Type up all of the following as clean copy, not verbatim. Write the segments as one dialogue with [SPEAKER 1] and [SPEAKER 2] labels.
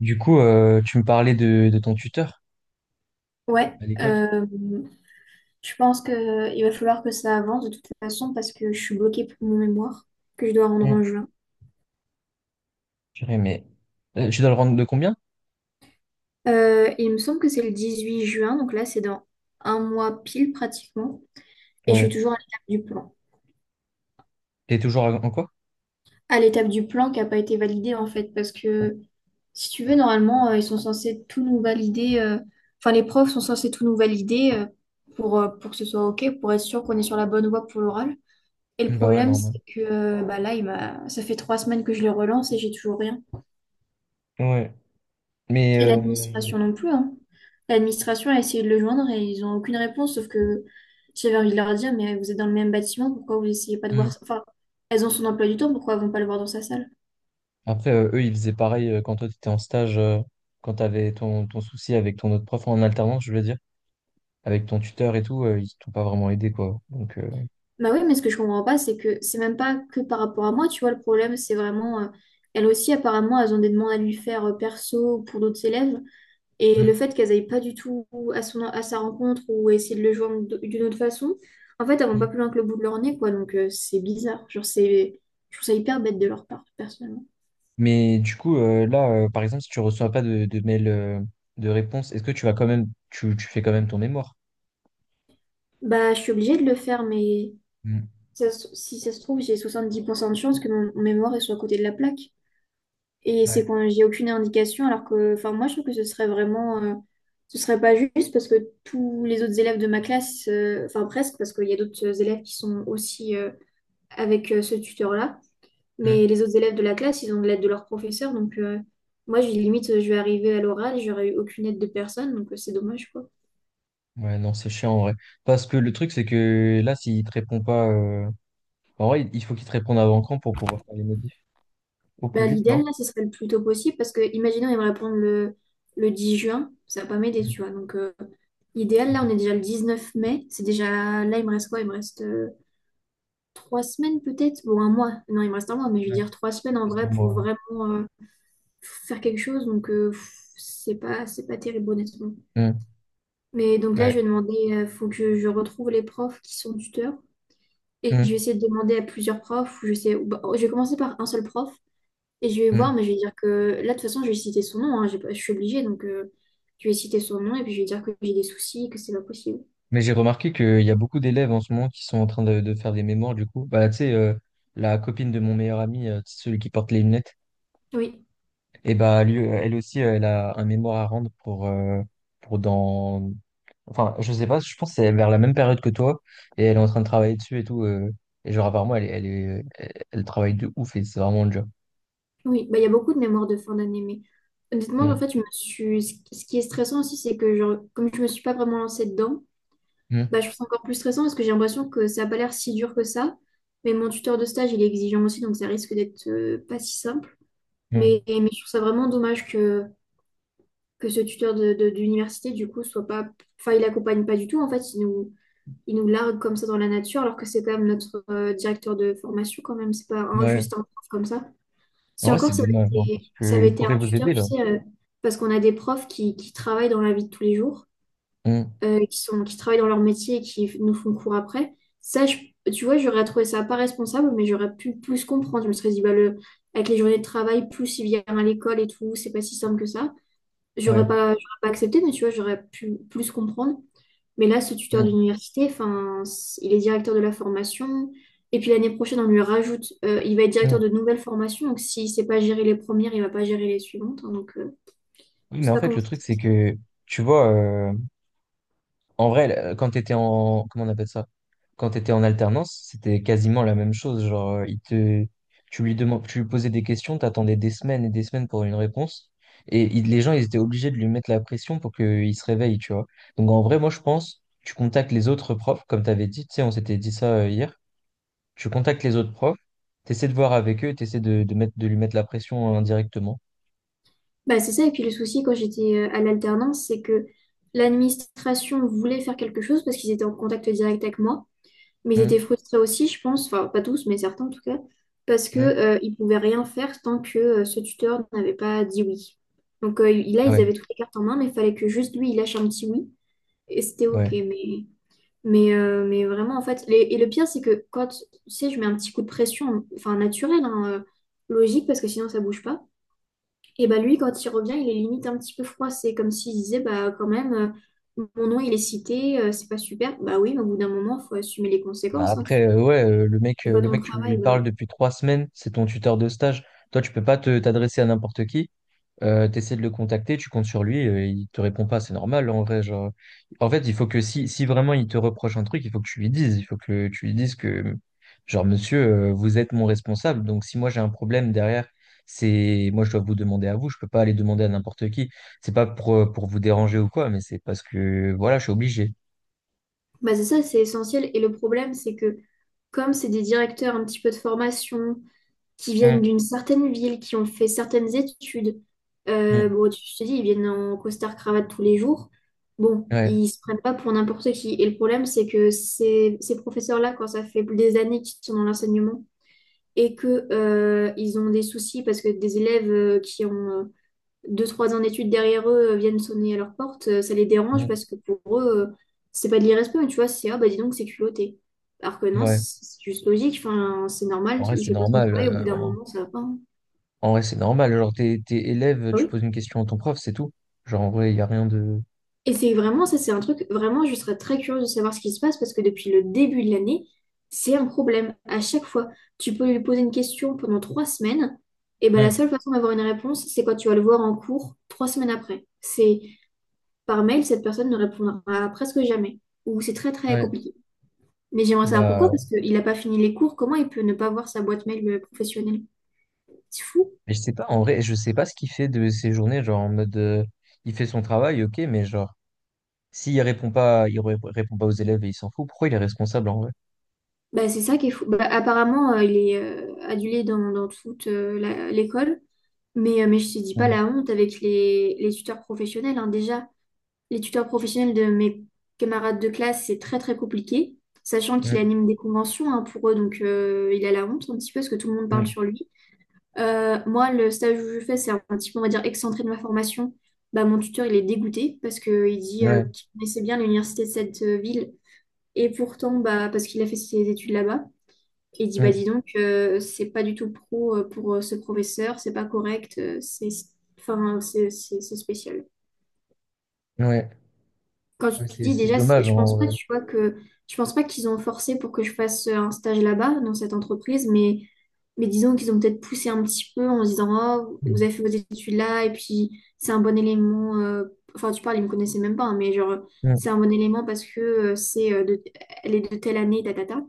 [SPEAKER 1] Du coup, tu me parlais de ton tuteur
[SPEAKER 2] Ouais,
[SPEAKER 1] à l'école.
[SPEAKER 2] euh, je pense que il va falloir que ça avance de toute façon parce que je suis bloquée pour mon mémoire que je dois rendre
[SPEAKER 1] Mm.
[SPEAKER 2] en juin.
[SPEAKER 1] Purée, mais tu dois le rendre de combien?
[SPEAKER 2] Il me semble que c'est le 18 juin, donc là c'est dans un mois pile pratiquement, et je suis
[SPEAKER 1] Ouais.
[SPEAKER 2] toujours à l'étape du plan.
[SPEAKER 1] T'es toujours en quoi?
[SPEAKER 2] À l'étape du plan qui n'a pas été validée en fait, parce que si tu veux, normalement ils sont censés tout nous valider, enfin les profs sont censés tout nous valider pour que ce soit OK, pour être sûr qu'on est sur la bonne voie pour l'oral. Et le
[SPEAKER 1] Mm, bah ouais,
[SPEAKER 2] problème,
[SPEAKER 1] normal.
[SPEAKER 2] c'est que bah là, ça fait trois semaines que je le relance et j'ai toujours rien.
[SPEAKER 1] Ouais. Mais
[SPEAKER 2] Et l'administration non plus, hein. L'administration a essayé de le joindre et ils n'ont aucune réponse, sauf que j'avais envie de leur dire, mais vous êtes dans le même bâtiment, pourquoi vous essayez pas de
[SPEAKER 1] mm.
[SPEAKER 2] voir... ça enfin, elles ont son emploi du temps, pourquoi elles vont pas le voir dans sa salle?
[SPEAKER 1] Après, eux, ils faisaient pareil quand toi, t'étais en stage, quand t'avais ton souci avec ton autre prof en alternance, je veux dire, avec ton tuteur et tout, ils t'ont pas vraiment aidé, quoi. Donc.
[SPEAKER 2] Bah oui, mais ce que je comprends pas, c'est que c'est même pas que par rapport à moi, tu vois, le problème, c'est vraiment... elles aussi, apparemment, elles ont des demandes à lui faire perso ou pour d'autres élèves. Et le
[SPEAKER 1] Mm,
[SPEAKER 2] fait qu'elles n'aillent pas du tout à son, à sa rencontre ou essayer de le joindre d'une autre façon, en fait, elles vont pas
[SPEAKER 1] mm.
[SPEAKER 2] plus loin que le bout de leur nez, quoi. Donc, c'est bizarre. Genre, c'est, je trouve ça hyper bête de leur part, personnellement.
[SPEAKER 1] Mais du coup, là, par exemple, si tu reçois pas de mail de réponse, est-ce que tu vas quand même, tu fais quand même ton mémoire?
[SPEAKER 2] Bah, je suis obligée de le faire, mais
[SPEAKER 1] Mm.
[SPEAKER 2] si ça se trouve, j'ai 70% de chance que mon mémoire il soit à côté de la plaque. Et
[SPEAKER 1] Ouais.
[SPEAKER 2] c'est quand j'ai aucune indication, alors que, enfin, moi, je trouve que ce serait vraiment, ce serait pas juste parce que tous les autres élèves de ma classe, enfin, presque, parce qu'il y a d'autres élèves qui sont aussi, avec ce tuteur-là.
[SPEAKER 1] Mm.
[SPEAKER 2] Mais les autres élèves de la classe, ils ont de l'aide de leur professeur. Donc, moi, j'ai limite, je vais arriver à l'oral et j'aurais eu aucune aide de personne. Donc, c'est dommage, quoi.
[SPEAKER 1] Ouais, non, c'est chiant en vrai. Parce que le truc, c'est que là, s'il te répond pas, en vrai, il faut qu'il te réponde avant quand pour pouvoir faire les modifs? Au
[SPEAKER 2] Bah,
[SPEAKER 1] plus vite,
[SPEAKER 2] l'idéal,
[SPEAKER 1] non?
[SPEAKER 2] là, ce serait le plus tôt possible parce que, imaginons, il me répondent le 10 juin. Ça va pas m'aider,
[SPEAKER 1] Mhm,
[SPEAKER 2] tu vois. Donc, idéal, là, on
[SPEAKER 1] mhm.
[SPEAKER 2] est déjà le 19 mai. C'est déjà. Là, il me reste quoi? Il me reste trois semaines, peut-être? Bon, un mois. Non, il me reste un mois, mais je veux
[SPEAKER 1] Ouais.
[SPEAKER 2] dire trois semaines en
[SPEAKER 1] Parce
[SPEAKER 2] vrai
[SPEAKER 1] qu'en moi,
[SPEAKER 2] pour
[SPEAKER 1] ouais.
[SPEAKER 2] vraiment faire quelque chose. Donc, pff, c'est pas terrible, honnêtement.
[SPEAKER 1] Mm,
[SPEAKER 2] Mais donc là, je
[SPEAKER 1] ouais.
[SPEAKER 2] vais demander, faut que je retrouve les profs qui sont tuteurs. Et je
[SPEAKER 1] Mm,
[SPEAKER 2] vais essayer de demander à plusieurs profs. Ou Je sais, ou Bah, je vais commencer par un seul prof. Et je vais
[SPEAKER 1] mm.
[SPEAKER 2] voir, mais je vais dire que là, de toute façon, je vais citer son nom, hein. j'ai pas- Je suis obligée. Donc, je vais citer son nom et puis je vais dire que j'ai des soucis, que c'est pas possible.
[SPEAKER 1] Mais j'ai remarqué qu'il y a beaucoup d'élèves en ce moment qui sont en train de faire des mémoires, du coup. Bah, tu sais, la copine de mon meilleur ami, celui qui porte les lunettes.
[SPEAKER 2] Oui,
[SPEAKER 1] Et bah, lui, elle aussi, elle a un mémoire à rendre pour dans. Enfin, je sais pas, je pense que c'est vers la même période que toi, et elle est en train de travailler dessus et tout. Et genre, apparemment, elle travaille de ouf et c'est vraiment dur.
[SPEAKER 2] oui. Bah, il y a beaucoup de mémoires de fin d'année. Mais honnêtement, en fait,
[SPEAKER 1] Mm,
[SPEAKER 2] ce qui est stressant aussi, c'est que, genre, comme je me suis pas vraiment lancée dedans,
[SPEAKER 1] mm,
[SPEAKER 2] bah, je trouve ça encore plus stressant parce que j'ai l'impression que ça n'a pas l'air si dur que ça. Mais mon tuteur de stage, il est exigeant aussi, donc ça risque d'être pas si simple. Mais je trouve ça vraiment dommage que ce tuteur d'université, du coup, soit pas... Enfin, il accompagne pas du tout, en fait. Il nous largue comme ça dans la nature, alors que c'est quand même notre directeur de formation, quand même. C'est pas
[SPEAKER 1] mm.
[SPEAKER 2] un,
[SPEAKER 1] Ouais.
[SPEAKER 2] juste un prof comme ça.
[SPEAKER 1] En
[SPEAKER 2] Si
[SPEAKER 1] vrai, c'est
[SPEAKER 2] encore,
[SPEAKER 1] dommage, hein, parce
[SPEAKER 2] ça avait
[SPEAKER 1] qu'ils
[SPEAKER 2] été un
[SPEAKER 1] pourraient vous
[SPEAKER 2] tuteur,
[SPEAKER 1] aider,
[SPEAKER 2] tu
[SPEAKER 1] là.
[SPEAKER 2] sais, parce qu'on a des profs qui travaillent dans la vie de tous les jours
[SPEAKER 1] Mm,
[SPEAKER 2] qui travaillent dans leur métier et qui nous font cours après. Ça, je- tu vois, j'aurais trouvé ça pas responsable, mais j'aurais pu plus comprendre. Je me serais dit, bah, le, avec les journées de travail, plus il vient à l'école et tout, c'est pas si simple que ça.
[SPEAKER 1] ouais.
[SPEAKER 2] J'aurais pas accepté, mais tu vois, j'aurais pu plus comprendre. Mais là, ce tuteur
[SPEAKER 1] Mm,
[SPEAKER 2] d'université, enfin, il est directeur de la formation. Et puis l'année prochaine, on lui rajoute, il va être directeur
[SPEAKER 1] mm.
[SPEAKER 2] de nouvelles formations. Donc s'il ne sait pas gérer les premières, il ne va pas gérer les suivantes, hein. Donc,
[SPEAKER 1] Oui,
[SPEAKER 2] je
[SPEAKER 1] mais
[SPEAKER 2] sais
[SPEAKER 1] en
[SPEAKER 2] pas
[SPEAKER 1] fait,
[SPEAKER 2] comment
[SPEAKER 1] le truc, c'est
[SPEAKER 2] ça.
[SPEAKER 1] que, tu vois, en vrai, quand tu étais en, comment on appelle ça? Quand tu étais en alternance, c'était quasiment la même chose. Genre, tu lui demandes, tu lui posais des questions, t'attendais des semaines et des semaines pour une réponse. Et les gens, ils étaient obligés de lui mettre la pression pour qu'il se réveille, tu vois. Donc, en vrai, moi, je pense, tu contactes les autres profs, comme tu avais dit, tu sais, on s'était dit ça hier. Tu contactes les autres profs, tu essaies de voir avec eux, tu essaies de lui mettre la pression indirectement.
[SPEAKER 2] Bah, c'est ça, et puis le souci quand j'étais à l'alternance, c'est que l'administration voulait faire quelque chose parce qu'ils étaient en contact direct avec moi, mais ils étaient
[SPEAKER 1] Hum,
[SPEAKER 2] frustrés aussi, je pense, enfin pas tous, mais certains en tout cas, parce que
[SPEAKER 1] hum,
[SPEAKER 2] ils pouvaient rien faire tant que ce tuteur n'avait pas dit oui. Donc là, ils
[SPEAKER 1] Ouais,
[SPEAKER 2] avaient toutes les cartes en main, mais il fallait que juste lui, il lâche un petit oui, et c'était OK,
[SPEAKER 1] ouais.
[SPEAKER 2] mais vraiment, en fait, et le pire, c'est que quand, tu sais, je mets un petit coup de pression, enfin naturel, hein, logique, parce que sinon ça bouge pas. Et bah lui, quand il revient, il est limite un petit peu froissé, comme s'il disait, bah quand même, mon nom il est cité, c'est pas super. Bah oui, mais au bout d'un moment, faut assumer les
[SPEAKER 1] Bah,
[SPEAKER 2] conséquences, hein,
[SPEAKER 1] après,
[SPEAKER 2] tu
[SPEAKER 1] ouais, le mec,
[SPEAKER 2] fais
[SPEAKER 1] euh,
[SPEAKER 2] pas
[SPEAKER 1] le
[SPEAKER 2] ton
[SPEAKER 1] mec, tu lui
[SPEAKER 2] travail là.
[SPEAKER 1] parles depuis 3 semaines, c'est ton tuteur de stage. Toi, tu peux pas te t'adresser à n'importe qui. T'essaies de le contacter, tu comptes sur lui, il te répond pas, c'est normal en vrai. Genre, en fait, il faut que si vraiment il te reproche un truc, il faut que tu lui dises, il faut que tu lui dises que, genre, monsieur, vous êtes mon responsable, donc si moi j'ai un problème derrière, c'est moi je dois vous demander à vous, je peux pas aller demander à n'importe qui. C'est pas pour vous déranger ou quoi, mais c'est parce que voilà, je suis obligé.
[SPEAKER 2] Bah c'est ça, c'est essentiel. Et le problème, c'est que comme c'est des directeurs un petit peu de formation, qui viennent
[SPEAKER 1] Mm,
[SPEAKER 2] d'une certaine ville, qui ont fait certaines études,
[SPEAKER 1] mm,
[SPEAKER 2] bon, tu je te dis, ils viennent en costard-cravate tous les jours. Bon,
[SPEAKER 1] ouais,
[SPEAKER 2] ils se prennent pas pour n'importe qui. Et le problème, c'est que ces professeurs-là, quand ça fait des années qu'ils sont dans l'enseignement, et que ils ont des soucis parce que des élèves qui ont deux, trois ans d'études derrière eux viennent sonner à leur porte, ça les dérange
[SPEAKER 1] mm,
[SPEAKER 2] parce que pour eux, c'est pas de l'irrespect, mais tu vois, c'est ah bah dis donc, c'est culotté. Alors que non,
[SPEAKER 1] ouais.
[SPEAKER 2] c'est juste logique, enfin, c'est normal,
[SPEAKER 1] En vrai,
[SPEAKER 2] il
[SPEAKER 1] c'est
[SPEAKER 2] fait pas son
[SPEAKER 1] normal.
[SPEAKER 2] travail, au bout d'un
[SPEAKER 1] En,
[SPEAKER 2] moment, ça va pas, hein.
[SPEAKER 1] en vrai, c'est normal. Genre, t'es élève,
[SPEAKER 2] Ah
[SPEAKER 1] tu
[SPEAKER 2] oui.
[SPEAKER 1] poses une question à ton prof, c'est tout. Genre, en vrai, il n'y a rien de.
[SPEAKER 2] Et c'est vraiment, ça c'est un truc, vraiment, je serais très curieuse de savoir ce qui se passe parce que depuis le début de l'année, c'est un problème. À chaque fois, tu peux lui poser une question pendant trois semaines, et ben la
[SPEAKER 1] Hmm.
[SPEAKER 2] seule façon d'avoir une réponse, c'est quand tu vas le voir en cours trois semaines après. C'est par mail, cette personne ne répondra presque jamais, ou c'est très très
[SPEAKER 1] Ouais.
[SPEAKER 2] compliqué. Mais j'aimerais savoir pourquoi,
[SPEAKER 1] Bah,
[SPEAKER 2] parce qu'il n'a pas fini les cours, comment il peut ne pas voir sa boîte mail professionnelle? C'est fou.
[SPEAKER 1] mais je sais pas, en vrai, je sais pas ce qu'il fait de ses journées. Genre, en mode, il fait son travail, ok, mais genre, s'il répond pas, il répond pas aux élèves et il s'en fout, pourquoi il est responsable en vrai?
[SPEAKER 2] Bah, c'est ça qui est fou. Bah, apparemment, il est adulé dans, dans toute l'école. Mais je te dis pas
[SPEAKER 1] Hmm.
[SPEAKER 2] la honte avec les tuteurs professionnels, hein. Déjà, les tuteurs professionnels de mes camarades de classe, c'est très très compliqué. Sachant qu'il
[SPEAKER 1] Hmm.
[SPEAKER 2] anime des conventions hein, pour eux, donc il a la honte un petit peu parce que tout le monde parle sur lui. Moi, le stage où je fais, c'est un petit peu, on va dire, excentré de ma formation. Bah, mon tuteur, il est dégoûté parce qu'il
[SPEAKER 1] Hmm.
[SPEAKER 2] dit
[SPEAKER 1] Ouais.
[SPEAKER 2] qu'il connaissait bien l'université de cette ville. Et pourtant, bah, parce qu'il a fait ses études là-bas. Et il dit, bah
[SPEAKER 1] Hmm.
[SPEAKER 2] dis donc, c'est pas du tout pro pour ce professeur, c'est pas correct, c'est enfin, c'est spécial.
[SPEAKER 1] Ouais.
[SPEAKER 2] Quand
[SPEAKER 1] Ouais,
[SPEAKER 2] tu
[SPEAKER 1] c'est,
[SPEAKER 2] dis
[SPEAKER 1] c'est
[SPEAKER 2] déjà,
[SPEAKER 1] dommage
[SPEAKER 2] je
[SPEAKER 1] en
[SPEAKER 2] pense pas,
[SPEAKER 1] vrai.
[SPEAKER 2] tu vois, que je pense pas qu'ils ont forcé pour que je fasse un stage là-bas, dans cette entreprise, mais disons qu'ils ont peut-être poussé un petit peu en se disant, oh,
[SPEAKER 1] Hmm.
[SPEAKER 2] vous avez fait vos études là, et puis c'est un bon élément. Enfin, tu parles, ils me connaissaient même pas, hein, mais genre,
[SPEAKER 1] Hmm.
[SPEAKER 2] c'est un bon élément parce que elle est de telle année, tata,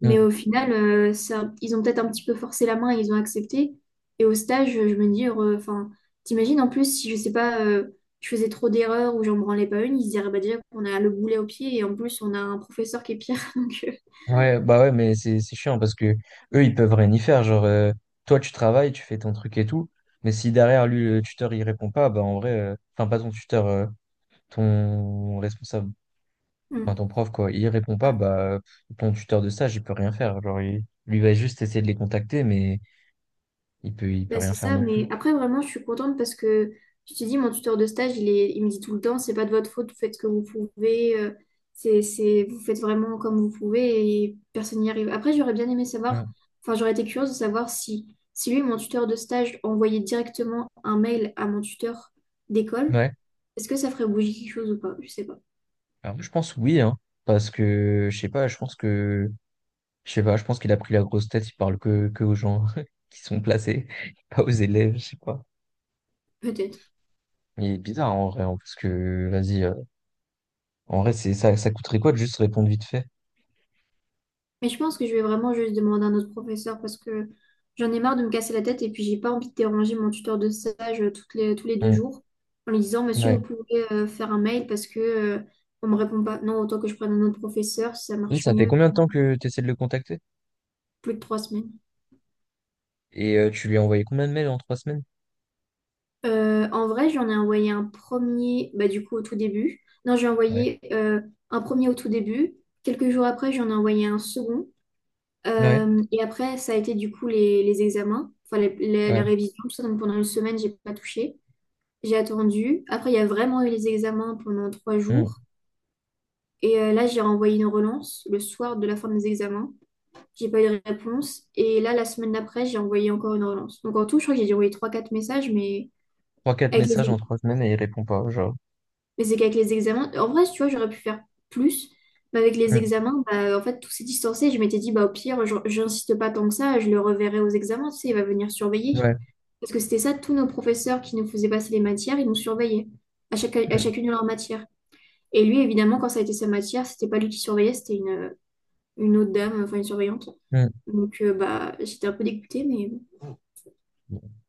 [SPEAKER 2] mais
[SPEAKER 1] Hmm.
[SPEAKER 2] au final, ça, ils ont peut-être un petit peu forcé la main et ils ont accepté. Et au stage, je me dis, enfin, t'imagines en plus si je sais pas, je faisais trop d'erreurs ou j'en branlais pas une, ils se diraient bah, déjà qu'on a le boulet au pied et en plus on a un professeur qui est pire. Donc,
[SPEAKER 1] Ouais, bah ouais, mais c'est chiant parce que eux, ils peuvent rien y faire. Genre, toi, tu travailles, tu fais ton truc et tout, mais si derrière lui, le tuteur, il répond pas, bah en vrai, enfin, pas ton tuteur, ton responsable,
[SPEAKER 2] hmm.
[SPEAKER 1] enfin, ton prof, quoi, il répond pas, bah ton tuteur de stage, il peut rien faire. Genre, lui va juste essayer de les contacter, mais il peut
[SPEAKER 2] Ben,
[SPEAKER 1] rien
[SPEAKER 2] c'est
[SPEAKER 1] faire
[SPEAKER 2] ça,
[SPEAKER 1] non plus.
[SPEAKER 2] mais après vraiment je suis contente parce que je te dis, mon tuteur de stage, il me dit tout le temps, c'est pas de votre faute, vous faites ce que vous pouvez, vous faites vraiment comme vous pouvez et personne n'y arrive. Après j'aurais bien aimé
[SPEAKER 1] Mm.
[SPEAKER 2] savoir, enfin j'aurais été curieuse de savoir si, si lui, mon tuteur de stage, envoyait directement un mail à mon tuteur d'école,
[SPEAKER 1] Ouais,
[SPEAKER 2] est-ce que ça ferait bouger quelque chose ou pas? Je sais pas,
[SPEAKER 1] alors je pense oui, hein, parce que, je sais pas, je pense que, je sais pas, je pense qu'il a pris la grosse tête, il parle que aux gens qui sont placés, pas aux élèves, je sais pas.
[SPEAKER 2] peut-être.
[SPEAKER 1] Il est bizarre en vrai, hein, parce que vas-y, en vrai, c'est ça, ça coûterait quoi de juste répondre vite fait?
[SPEAKER 2] Mais je pense que je vais vraiment juste demander à notre professeur parce que j'en ai marre de me casser la tête et puis j'ai pas envie de déranger mon tuteur de stage tous les deux
[SPEAKER 1] Hmm,
[SPEAKER 2] jours en lui disant, Monsieur,
[SPEAKER 1] ouais.
[SPEAKER 2] vous pouvez faire un mail parce que on me répond pas. Non, autant que je prenne un autre professeur, si ça
[SPEAKER 1] Là,
[SPEAKER 2] marche
[SPEAKER 1] ça fait
[SPEAKER 2] mieux.
[SPEAKER 1] combien de temps que tu essaies de le contacter?
[SPEAKER 2] Plus de trois semaines.
[SPEAKER 1] Et tu lui as envoyé combien de mails en 3 semaines?
[SPEAKER 2] En vrai, j'en ai envoyé un premier, bah, du coup, au tout début. Non, j'ai
[SPEAKER 1] Ouais.
[SPEAKER 2] envoyé un premier au tout début. Quelques jours après, j'en ai envoyé un second.
[SPEAKER 1] Ouais,
[SPEAKER 2] Et après, ça a été du coup les examens, enfin la
[SPEAKER 1] ouais.
[SPEAKER 2] révision, tout ça. Donc pendant une semaine, j'ai pas touché. J'ai attendu. Après, il y a vraiment eu les examens pendant trois
[SPEAKER 1] Hmm.
[SPEAKER 2] jours. Et là, j'ai renvoyé une relance le soir de la fin des examens. J'ai pas eu de réponse. Et là, la semaine d'après, j'ai envoyé encore une relance. Donc en tout, je crois que j'ai dû envoyer 3-4 messages, mais
[SPEAKER 1] Trois, quatre
[SPEAKER 2] avec les,
[SPEAKER 1] messages en
[SPEAKER 2] ex-
[SPEAKER 1] 3 semaines et il répond pas, genre.
[SPEAKER 2] mais c'est qu'avec les examens. En vrai, tu vois, j'aurais pu faire plus. Mais avec les
[SPEAKER 1] Hmm,
[SPEAKER 2] examens, bah, en fait, tout s'est distancé. Je m'étais dit, bah, au pire, j'insiste pas tant que ça, je le reverrai aux examens, tu sais, il va venir surveiller.
[SPEAKER 1] ouais.
[SPEAKER 2] Parce que c'était ça, tous nos professeurs qui nous faisaient passer les matières, ils nous surveillaient à
[SPEAKER 1] Hmm,
[SPEAKER 2] chacune de leurs matières. Et lui, évidemment, quand ça a été sa matière, c'était pas lui qui surveillait, une autre dame, enfin une surveillante. Donc, bah, j'étais un peu dégoûtée, mais bon.
[SPEAKER 1] hmm.